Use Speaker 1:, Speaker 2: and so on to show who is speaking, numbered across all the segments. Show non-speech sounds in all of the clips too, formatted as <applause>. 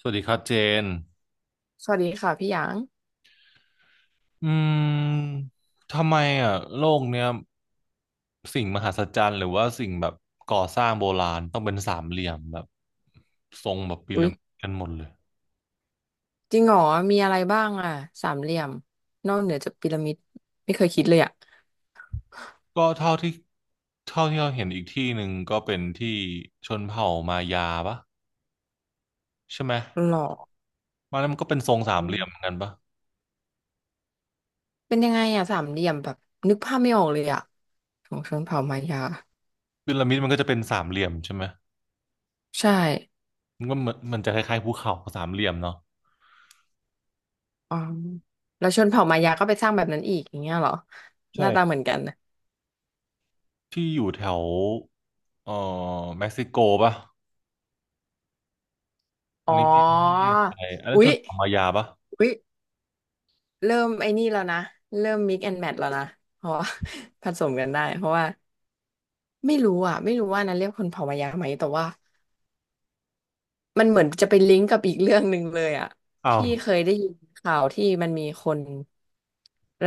Speaker 1: สวัสดีครับเจน
Speaker 2: สวัสดีค่ะพี่หยาง
Speaker 1: อืมทำไมอ่ะโลกเนี้ยสิ่งมหัศจรรย์หรือว่าสิ่งแบบก่อสร้างโบราณต้องเป็นสามเหลี่ยมแบบทรงแบบพี
Speaker 2: อุ้
Speaker 1: ระ
Speaker 2: ย
Speaker 1: มิดกันหมดเลย
Speaker 2: จริงเหรอมีอะไรบ้างอ่ะสามเหลี่ยมนอกเหนือจากพีระมิดไม่เคยคิดเลยอ่ะ
Speaker 1: ก็เท่าที่เราเห็นอีกที่หนึ่งก็เป็นที่ชนเผ่ามายาปะใช่ไหม
Speaker 2: หรอ
Speaker 1: มันนั้นมันก็เป็นทรงสาม
Speaker 2: อื
Speaker 1: เหลี่ยมเหมือ
Speaker 2: ม
Speaker 1: นกันปะ
Speaker 2: เป็นยังไงอ่ะสามเหลี่ยมแบบนึกภาพไม่ออกเลยอ่ะของชนเผ่ามายา
Speaker 1: พีระมิดมันก็จะเป็นสามเหลี่ยมใช่ไหม
Speaker 2: ใช่
Speaker 1: มันก็เหมือนมันจะคล้ายๆภูเขาสามเหลี่ยมเนาะ
Speaker 2: อ๋อแล้วชนเผ่ามายาก็ไปสร้างแบบนั้นอีกอย่างเงี้ยเหรอห
Speaker 1: ใช่
Speaker 2: น้าตาเหมือนกันนะ
Speaker 1: ที่อยู่แถวเอ่อเม็กซิโกปะ ตั
Speaker 2: อ๋
Speaker 1: น
Speaker 2: อ
Speaker 1: นี้ไม่แน่ใจอันนั้น
Speaker 2: อุ๊
Speaker 1: ช
Speaker 2: ย
Speaker 1: นเผ่ามายาปะ
Speaker 2: อุ๊ยเริ่มไอ้นี่แล้วนะเริ่มมิกแอนด์แมทแล้วนะเพราะว่า <laughs> ผสมกันได้เพราะว่าไม่รู้อ่ะไม่รู้ว่านั้นเรียกคนเผ่ามายาไหมแต่ว่า มันเหมือนจะไปลิงก์กับอีกเรื่องหนึ่งเลยอ่ะ
Speaker 1: อ้าว
Speaker 2: พี่เคยได้ยินข่าวที่มันมีคน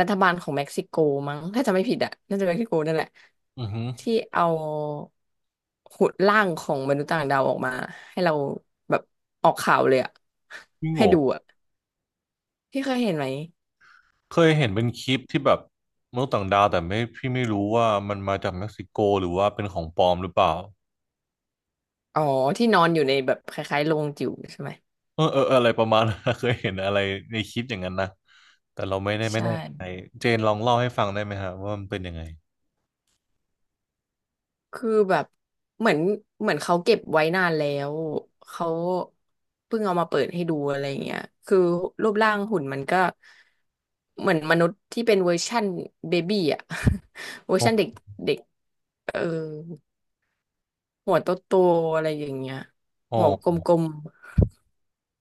Speaker 2: รัฐบาลของเม็กซิโกมั้งถ้าจำไม่ผิดอ่ะน่าจะเม็กซิโกนั่นแหละ
Speaker 1: อือหือ
Speaker 2: ที่เอาหุ่นร่างของมนุษย์ต่างดาวออกมาให้เราแบบออกข่าวเลยอ่ะ
Speaker 1: พี่
Speaker 2: ให้
Speaker 1: โง่
Speaker 2: ดูอ่ะพี่เคยเห็นไหม
Speaker 1: เคยเห็นเป็นคลิปที่แบบมนุษย์ต่างดาวแต่ไม่พี่ไม่รู้ว่ามันมาจากเม็กซิโกหรือว่าเป็นของปลอมหรือเปล่า
Speaker 2: อ๋อที่นอนอยู่ในแบบคล้ายๆโรงจิ๋วใช่ไหม
Speaker 1: เออเออเอออะไรประมาณนั้น <laughs> เคยเห็นอะไรในคลิปอย่างนั้นนะแต่เราไม่ได้ไม่
Speaker 2: ใช่
Speaker 1: แน่ใจเจนลองเล่าให้ฟังได้ไหมฮะว่ามันเป็นยังไง
Speaker 2: คือแบบเหมือนเหมือนเขาเก็บไว้นานแล้วเขาเพิ่งเอามาเปิดให้ดูอะไรเงี้ยคือรูปร่างหุ่นมันก็เหมือนมนุษย์ที่เป็นเวอร์ชั่นเบบี้อ่ะ <laughs> เวอร์
Speaker 1: อ๋อ
Speaker 2: ชั่นเด็กเด็กเออหัวโตโตอะไรอย่างเงี้ย
Speaker 1: อ๋อ
Speaker 2: หัวกลม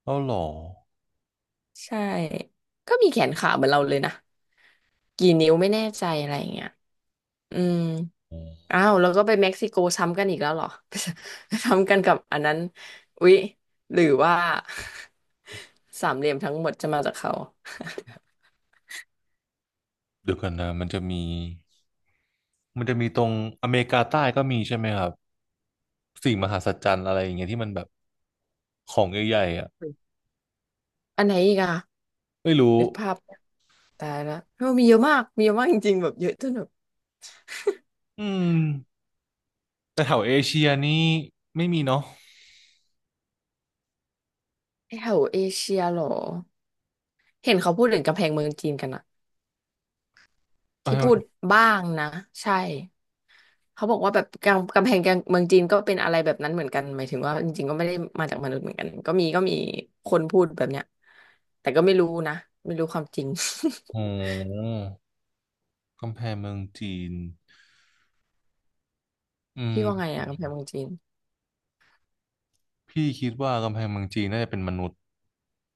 Speaker 1: เล่าหรอ
Speaker 2: ๆใช่ก็มีแขนขาเหมือนเราเลยนะกี่นิ้วไม่แน่ใจอะไรเงี้ยอืม
Speaker 1: อ๋อ
Speaker 2: อ้าวแล้วก็ไปเม็กซิโกซ้ำกันอีกแล้วเหรอ <laughs> ซ้ำกันกับอันนั้นอุ๊ยหรือว่า <laughs> สามเหลี่ยมทั้งหมดจะมาจากเขา
Speaker 1: เดี๋ยวกันนะมันจะมี มันจะมีตรงอเมริกาใต้ก็มีใช่ไหมครับสิ่งมหัศจรรย์อะไรอย่างเงี้ยที่มันแบบของใหญ่ๆอ่ะ
Speaker 2: อันไหนอีกอะ
Speaker 1: ไม่รู้
Speaker 2: นึกภาพตายละเออมีเยอะมากมีเยอะมากจริงๆแบบเยอะจนแบบ
Speaker 1: อืมแต่แถวเอเชียนี่ไม่มีเนาะ
Speaker 2: แถวเอเชียเหรอเห็นเขาพูดถึงกำแพงเมืองจีนกันอะ
Speaker 1: เอา
Speaker 2: ที่
Speaker 1: ให้
Speaker 2: พู
Speaker 1: มั
Speaker 2: ด
Speaker 1: น
Speaker 2: บ้างนะใช่ เขาบอกว่าแบบกำกำแพงเมืองจีนก็เป็นอะไรแบบนั้นเหมือนกันหมายถึงว่าจริงๆก็ไม่ได้มาจากมนุษย์เหมือนกันก็มีก็มีคนพูดแบบเนี้ยแต่ก็ไม่รู้นะไม่รู้ความจริง
Speaker 1: โอ้กำแพงเมืองจีนอื
Speaker 2: <laughs>
Speaker 1: ม
Speaker 2: พี่ว่าไงอะกำแพงเมืองจีน
Speaker 1: พี่คิดว่ากำแพงเมืองจีนน่าจะเป็นมนุษย์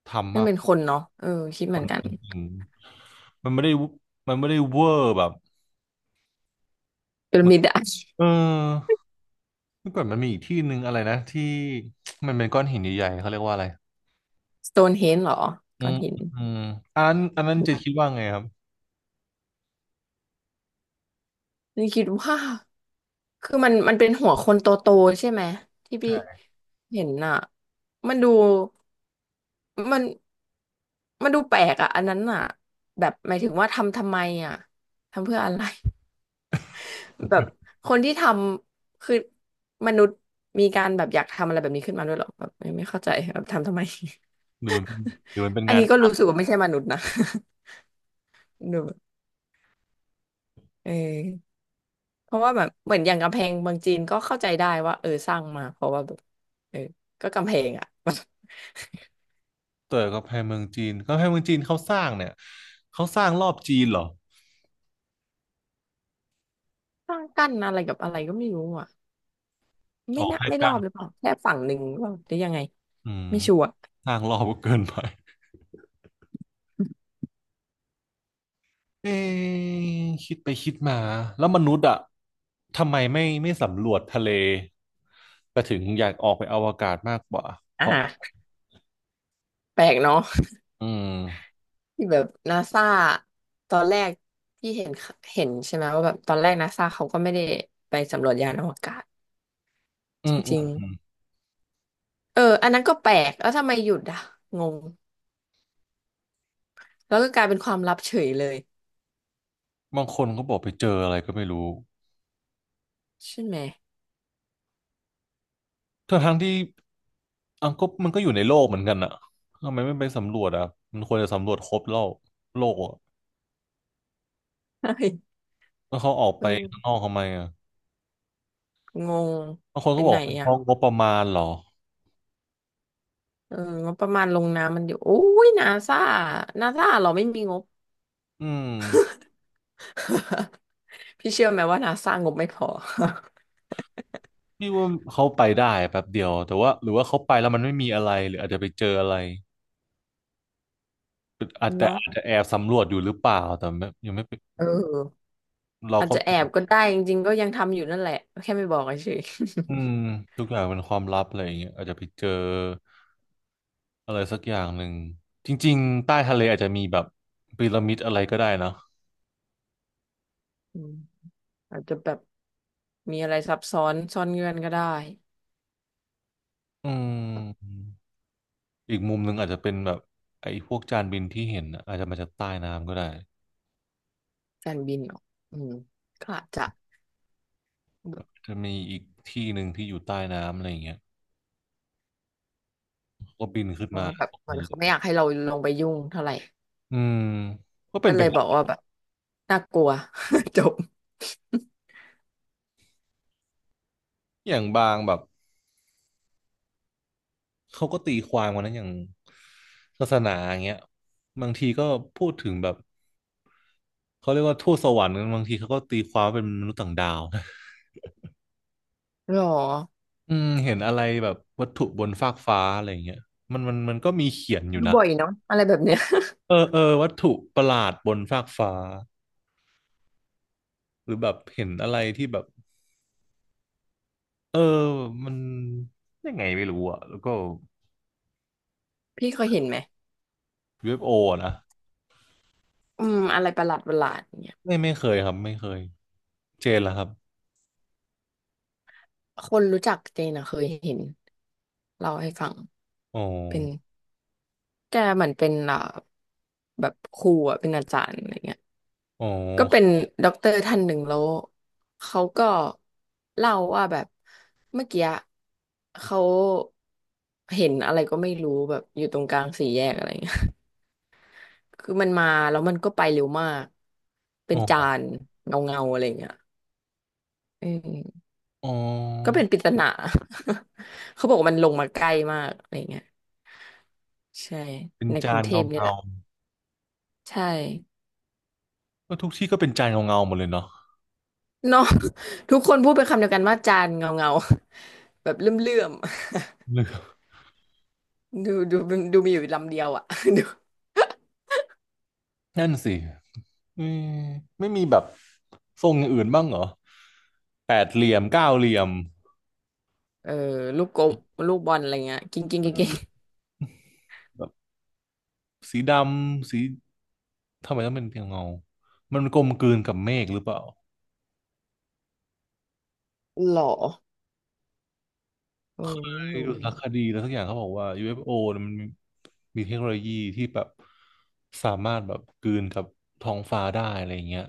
Speaker 1: ทำ
Speaker 2: นั่น
Speaker 1: มาก
Speaker 2: เป็นคนเนาะเออคิดเหมือนกัน
Speaker 1: จริงมันไม่ได้วุมันไม่ได้เวอร์แบบ
Speaker 2: พี
Speaker 1: เห
Speaker 2: ระ
Speaker 1: มือน
Speaker 2: มิดอะ
Speaker 1: เออเมื่อก่อนมันมีอีกที่หนึ่งอะไรนะที่ <tsk> มันเป็นก้อนหินใหญ่ๆเขาเรียกว่าอะไร
Speaker 2: สโตนเฮนจ์เหรอ
Speaker 1: อื
Speaker 2: ก้อ
Speaker 1: ม
Speaker 2: นหิน
Speaker 1: อืมอันอันนั้นจะคิดว่าไงครับ
Speaker 2: นี่คิดว่าคือมันเป็นหัวคนโตๆใช่ไหมที่พี่เห็นอะมันดูมันดูแปลกอะอันนั้นอะแบบหมายถึงว่าทำทำไมอะทำเพื่ออะไร แบบคนที่ทำคือมนุษย์มีการแบบอยากทำอะไรแบบนี้ขึ้นมาด้วยเหรอแบบไม่ไม่เข้าใจแบบทำทำไม
Speaker 1: หรือมัน
Speaker 2: <laughs>
Speaker 1: หรือมันเป็น
Speaker 2: อัน
Speaker 1: งาน
Speaker 2: นี้ก็รู้สึกว่าไม่ใช่มนุษย์นะ <laughs> ดูแบบเออเพราะว่าแบบเหมือนอย่างกำแพงเมืองจีนก็เข้าใจได้ว่าเออสร้างมาเพราะว่าแบบเออก็กำแพงอะ <laughs>
Speaker 1: เต๋ร์กำแพงเมืองจีนกำแพงเมืองจีนเขาสร้างเนี่ยเขาสร้างรอบจีนเหรอ
Speaker 2: สร้างกั้นอะไรกับอะไรก็ไม่รู้อ่ะ
Speaker 1: อ
Speaker 2: ไม่
Speaker 1: อก
Speaker 2: น่า
Speaker 1: ให้
Speaker 2: ไม่รอ
Speaker 1: กั้น
Speaker 2: บหรือเปล่าแค่ฝั่งหนึ่งหรือเปล่าหรือยังไง
Speaker 1: อืม
Speaker 2: ไม่ชัวร์
Speaker 1: สร้างรอบก็เกินไปเอ๊ะคิดไปคิดมาแล้วมนุษย์อะทำไมไม่ไม่สำรวจทะเลแต่ถึงอยากออกไปอวกาศมากกว่าเพราะ
Speaker 2: อ่าแปลกเนาะ
Speaker 1: อืม
Speaker 2: ที่แบบนาซาตอนแรกที่เห็นเห็นใช่ไหมว่าแบบตอนแรกนาซาเขาก็ไม่ได้ไปสำรวจยานอวกาศ
Speaker 1: อื
Speaker 2: จ
Speaker 1: มอื
Speaker 2: ริง
Speaker 1: ม
Speaker 2: ๆเอออันนั้นก็แปลกแล้วทำไมหยุดอ่ะงงแล้วก็กลายเป็นความลับเฉยเลย
Speaker 1: บางคนก็บอกไปเจออะไรก็ไม่รู้
Speaker 2: ใช่ไหม
Speaker 1: ทั้งทั้งที่อังก็มันก็อยู่ในโลกเหมือนกันอะทำไมไม่ไปสำรวจอะมันควรจะสำรวจครบโลกโลกอะ
Speaker 2: ใช่
Speaker 1: แล้วเขาออก
Speaker 2: เอ
Speaker 1: ไป
Speaker 2: อ
Speaker 1: ข้างนอกทำไมอะ
Speaker 2: งง
Speaker 1: บางคน
Speaker 2: ไป
Speaker 1: ก็บ
Speaker 2: ไห
Speaker 1: อ
Speaker 2: น
Speaker 1: กเป็นเพราะ
Speaker 2: อ่ะ
Speaker 1: งบประมาณเหรอ
Speaker 2: เอองบประมาณลงน้ำมันอยู่โอ้ยนาซานาซาเราไม่มีงบ
Speaker 1: อืม
Speaker 2: <laughs> พี่เชื่อไหมว่านาซางบไม่พอ
Speaker 1: พี่ว่าเขาไปได้แป๊บเดียวแต่ว่าหรือว่าเขาไปแล้วมันไม่มีอะไรหรืออาจจะไปเจออะไรอาจ
Speaker 2: <laughs>
Speaker 1: แต่
Speaker 2: เนาะ
Speaker 1: อาจจะแอบสำรวจอยู่หรือเปล่าแต่ไม่ยังไม่ไป
Speaker 2: เออ
Speaker 1: เรา
Speaker 2: อาจ
Speaker 1: ก็
Speaker 2: จะ
Speaker 1: ไม่
Speaker 2: แอบ
Speaker 1: รู้
Speaker 2: ก็ได้จริงๆก็ยังทำอยู่นั่นแหละแค่ไม่บอกเฉย
Speaker 1: อืมทุกอย่างเป็นความลับอะไรอย่างเงี้ยอาจจะไปเจออะไรสักอย่างหนึ่งจริงๆใต้ทะเลอาจจะมีแบบพีระมิดอะไรก็ได้นะ
Speaker 2: ๆ <laughs> อืมอาจจะแบบมีอะไรซับซ้อนซ่อนเงื่อนก็ได้
Speaker 1: อืมอีกมุมหนึ่งอาจจะเป็นแบบไอ้พวกจานบินที่เห็นน่ะอาจจะมาจากใต้น้ำก็ได้
Speaker 2: การบินเหรออืมก็อาจจะ
Speaker 1: จะมีอีกที่หนึ่งที่อยู่ใต้น้ำอะไรอย่างเงี้ยเขาก็บินขึ้น
Speaker 2: เพราะ
Speaker 1: มา
Speaker 2: ว่าแบบ
Speaker 1: ตรง
Speaker 2: เหมือนเขาไม่อ
Speaker 1: นี้
Speaker 2: ยากให้เราลงไปยุ่งเท่าไหร่
Speaker 1: อืมก็เป็
Speaker 2: ก็
Speaker 1: นไป
Speaker 2: เลย
Speaker 1: ได้
Speaker 2: บอกว่าแบบน่ากลัว <laughs> จบ
Speaker 1: อย่างบางแบบเขาก็ตีความกันนะอย่างศาสนาอย่างเงี้ยบางทีก็พูดถึงแบบเขาเรียกว่าทูตสวรรค์กันบางทีเขาก็ตีความว่าเป็นมนุษย์ต่างดาว <laughs> นะ
Speaker 2: หรอ
Speaker 1: อืมเห็นอะไรแบบวัตถุบนฟากฟ้าอะไรอย่างเงี้ยมันก็มีเขียนอยู่
Speaker 2: ดู
Speaker 1: นะ
Speaker 2: บ่อยเนาะอะไรแบบเนี้ย
Speaker 1: เออเออวัตถุประหลาดบนฟากฟ้า หรือแบบเห็นอะไรที่แบบเออมันยังไงไม่รู้อ่ะแล้วก็
Speaker 2: <laughs> พี่เคยเห็นไหม
Speaker 1: UFO อฟโออะนะ
Speaker 2: อืมอะไรประหลาดประหลาดเนี่ย
Speaker 1: ไม่ไม่เคยครับไม่เคยเจนแล้วครับ
Speaker 2: คนรู้จักเจนอะเคยเห็นเล่าให้ฟัง
Speaker 1: อ๋อ
Speaker 2: เป็นแกเหมือนเป็นอ่าแบบครูอะเป็นอาจารย์อะไรเงี้ย
Speaker 1: อ๋อ
Speaker 2: ก็เป็นด็อกเตอร์ท่านหนึ่งแล้วเขาก็เล่าว่าแบบเมื่อกี้เขาเห็นอะไรก็ไม่รู้แบบอยู่ตรงกลางสี่แยกอะไรเงี้ย <laughs> คือมันมาแล้วมันก็ไปเร็วมากเป็
Speaker 1: อ๋
Speaker 2: น
Speaker 1: อ
Speaker 2: จานเงาเงาอะไรเงี้ยเออ
Speaker 1: อ๋
Speaker 2: ก็เป็
Speaker 1: อ
Speaker 2: นปริศนา <laughs> เขาบอกว่ามันลงมาใกล้มากอะไรเงี้ยใช่
Speaker 1: เป็น
Speaker 2: ในก
Speaker 1: จา
Speaker 2: รุง
Speaker 1: น
Speaker 2: เท
Speaker 1: เงา
Speaker 2: พนี่
Speaker 1: เงา
Speaker 2: แหละใช่
Speaker 1: ก็ทุกที่ก็เป็นจานเงาเงาหมดเลยเนาะ
Speaker 2: เนาะ <laughs> ทุกคนพูดเป็นคำเดียวกันว่าจานเงาเงาแบบเลื่อมเลื่อม
Speaker 1: <laughs> หรือ
Speaker 2: ดูดูดูมีอยู่ลำเดียวอ่ะ <laughs> ดู
Speaker 1: นั่นสิไม่ไม่มีแบบทรงอย่างอื่นบ้างเหรอแปดเหลี่ยมเก้าเหลี่ยม
Speaker 2: เออลูกกลมลูกบอลอะไรเงี้ยกิ้งกิ้ง
Speaker 1: เอ
Speaker 2: กิ้งกิ้ง
Speaker 1: อแบบสีดำสีทำไมต้องเป็นเพียงเงามันกลมกลืนกับเมฆหรือเปล่า
Speaker 2: หรอเออไม่
Speaker 1: ไปดู
Speaker 2: รู้
Speaker 1: สาร
Speaker 2: อะ
Speaker 1: คดีแล้วสักอย่างเขาบอกว่า UFO เอฟโอเนี่ยมันมีมีเทคโนโลยีที่แบบสามารถแบบกลืนกับท้องฟ้าได้อะไรอย่างเงี้ย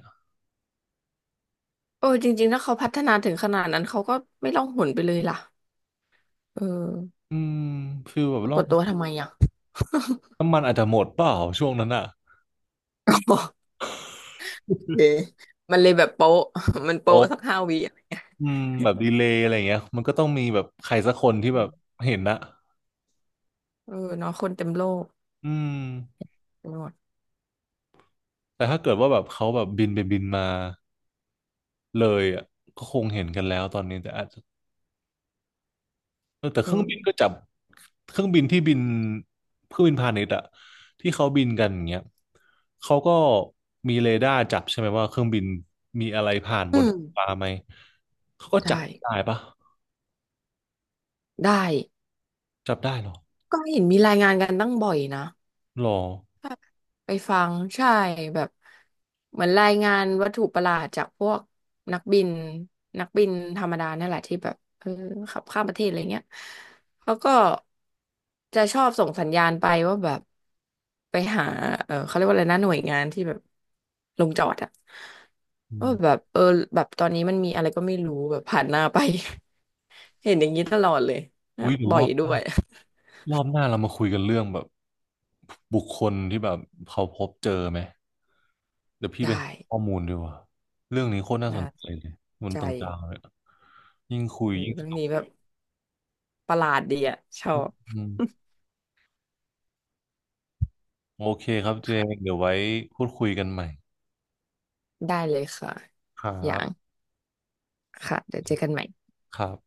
Speaker 2: เออจริงๆถ้าเขาพัฒนาถึงขนาดนั้นเขาก็ไม่ล่องหนไปเลยล่ะเออ
Speaker 1: อืมฟีลแบบ
Speaker 2: ปรา
Speaker 1: ล่อ
Speaker 2: ก
Speaker 1: ง
Speaker 2: ฏตัวทำไมอ่ะ
Speaker 1: น้ำมันอาจจะหมดเปล่าช่วงนั้นอ่ะ
Speaker 2: <laughs> โอเค <laughs> มันเลยแบบโป๊ะ <laughs> มันโป๊ะ
Speaker 1: โอ้
Speaker 2: สัก5 วิอะ
Speaker 1: อืมแบบดีเลย์อะไรอย่างเงี้ยมันก็ต้องมีแบบใครสักคนที่
Speaker 2: เอ
Speaker 1: แบบ
Speaker 2: อ
Speaker 1: เห็นนะ
Speaker 2: เออเนาะคนเต็มโลก
Speaker 1: อืม
Speaker 2: ไปหมด
Speaker 1: แต่ถ้าเกิดว่าแบบเขาแบบบินไปบินมาเลยอ่ะก็คงเห็นกันแล้วตอนนี้แต่อาจจะ เออแต่เค
Speaker 2: เอ
Speaker 1: รื่องบินก็
Speaker 2: อ
Speaker 1: จับเครื่องบินที่บินเครื่องบินพาณิชย์อะที่เขาบินกันอย่างเงี้ยเขาก็มีเรดาร์จับใช่ไหมว่าเครื่องบินมีอะไรผ่านบ
Speaker 2: อื
Speaker 1: น
Speaker 2: ม
Speaker 1: ท้องฟ้าไหมเขาก็จับ
Speaker 2: ใช่
Speaker 1: ได้ปะ
Speaker 2: ได้
Speaker 1: จับได้เหรอ
Speaker 2: ก็เห็นมีรายงานกันตั้งบ่อยนะ
Speaker 1: หรอ
Speaker 2: ไปฟังใช่แบบเหมือนรายงานวัตถุประหลาดจากพวกนักบินนักบินธรรมดานั่นแหละที่แบบเออขับข้ามประเทศอะไรเงี้ยเขาก็จะชอบส่งสัญญาณไปว่าแบบไปหาเออเขาเรียกว่าอะไรนะหน่วยงานที่แบบลงจอดอะ
Speaker 1: อื
Speaker 2: ว่าแบ
Speaker 1: ม
Speaker 2: บเออแบบตอนนี้มันมีอะไรก็ไม่รู้แบบผ่านหน้าไป <laughs> เห็นอย่างนี้ตลอดเลยนะ
Speaker 1: อุ้ยเดี๋ยว
Speaker 2: บ่
Speaker 1: ร
Speaker 2: อ
Speaker 1: อ
Speaker 2: ย
Speaker 1: บห
Speaker 2: ด้
Speaker 1: น้า
Speaker 2: วย
Speaker 1: รอบหน้าเรามาคุยกันเรื่องแบบบุคคลที่แบบเขาพบเจอไหมเดี๋ยว
Speaker 2: <laughs>
Speaker 1: พี่ไป
Speaker 2: ได้
Speaker 1: หาข้อมูลดีกว่าเรื่องนี้โคตรน่าส
Speaker 2: น่า
Speaker 1: นใจ
Speaker 2: สน
Speaker 1: เลยมนุ
Speaker 2: ใจ
Speaker 1: ษย์ต่างดาวเนี่ยยิ่งคุ
Speaker 2: เอ
Speaker 1: ย
Speaker 2: อ
Speaker 1: ยิ่งส
Speaker 2: เรื่อง
Speaker 1: นุก
Speaker 2: นี้แบบ ประหลาดดีอะชอบ
Speaker 1: อืม
Speaker 2: <laughs>
Speaker 1: โอเคครับเจง
Speaker 2: ค่ะ
Speaker 1: เดี๋ยวไว้พูดคุยกันใหม่
Speaker 2: <laughs> ได้เลยค่ะ
Speaker 1: ครั
Speaker 2: อย่า
Speaker 1: บ
Speaker 2: งค่ะเดี๋ยวเจอกันใหม่
Speaker 1: ครับ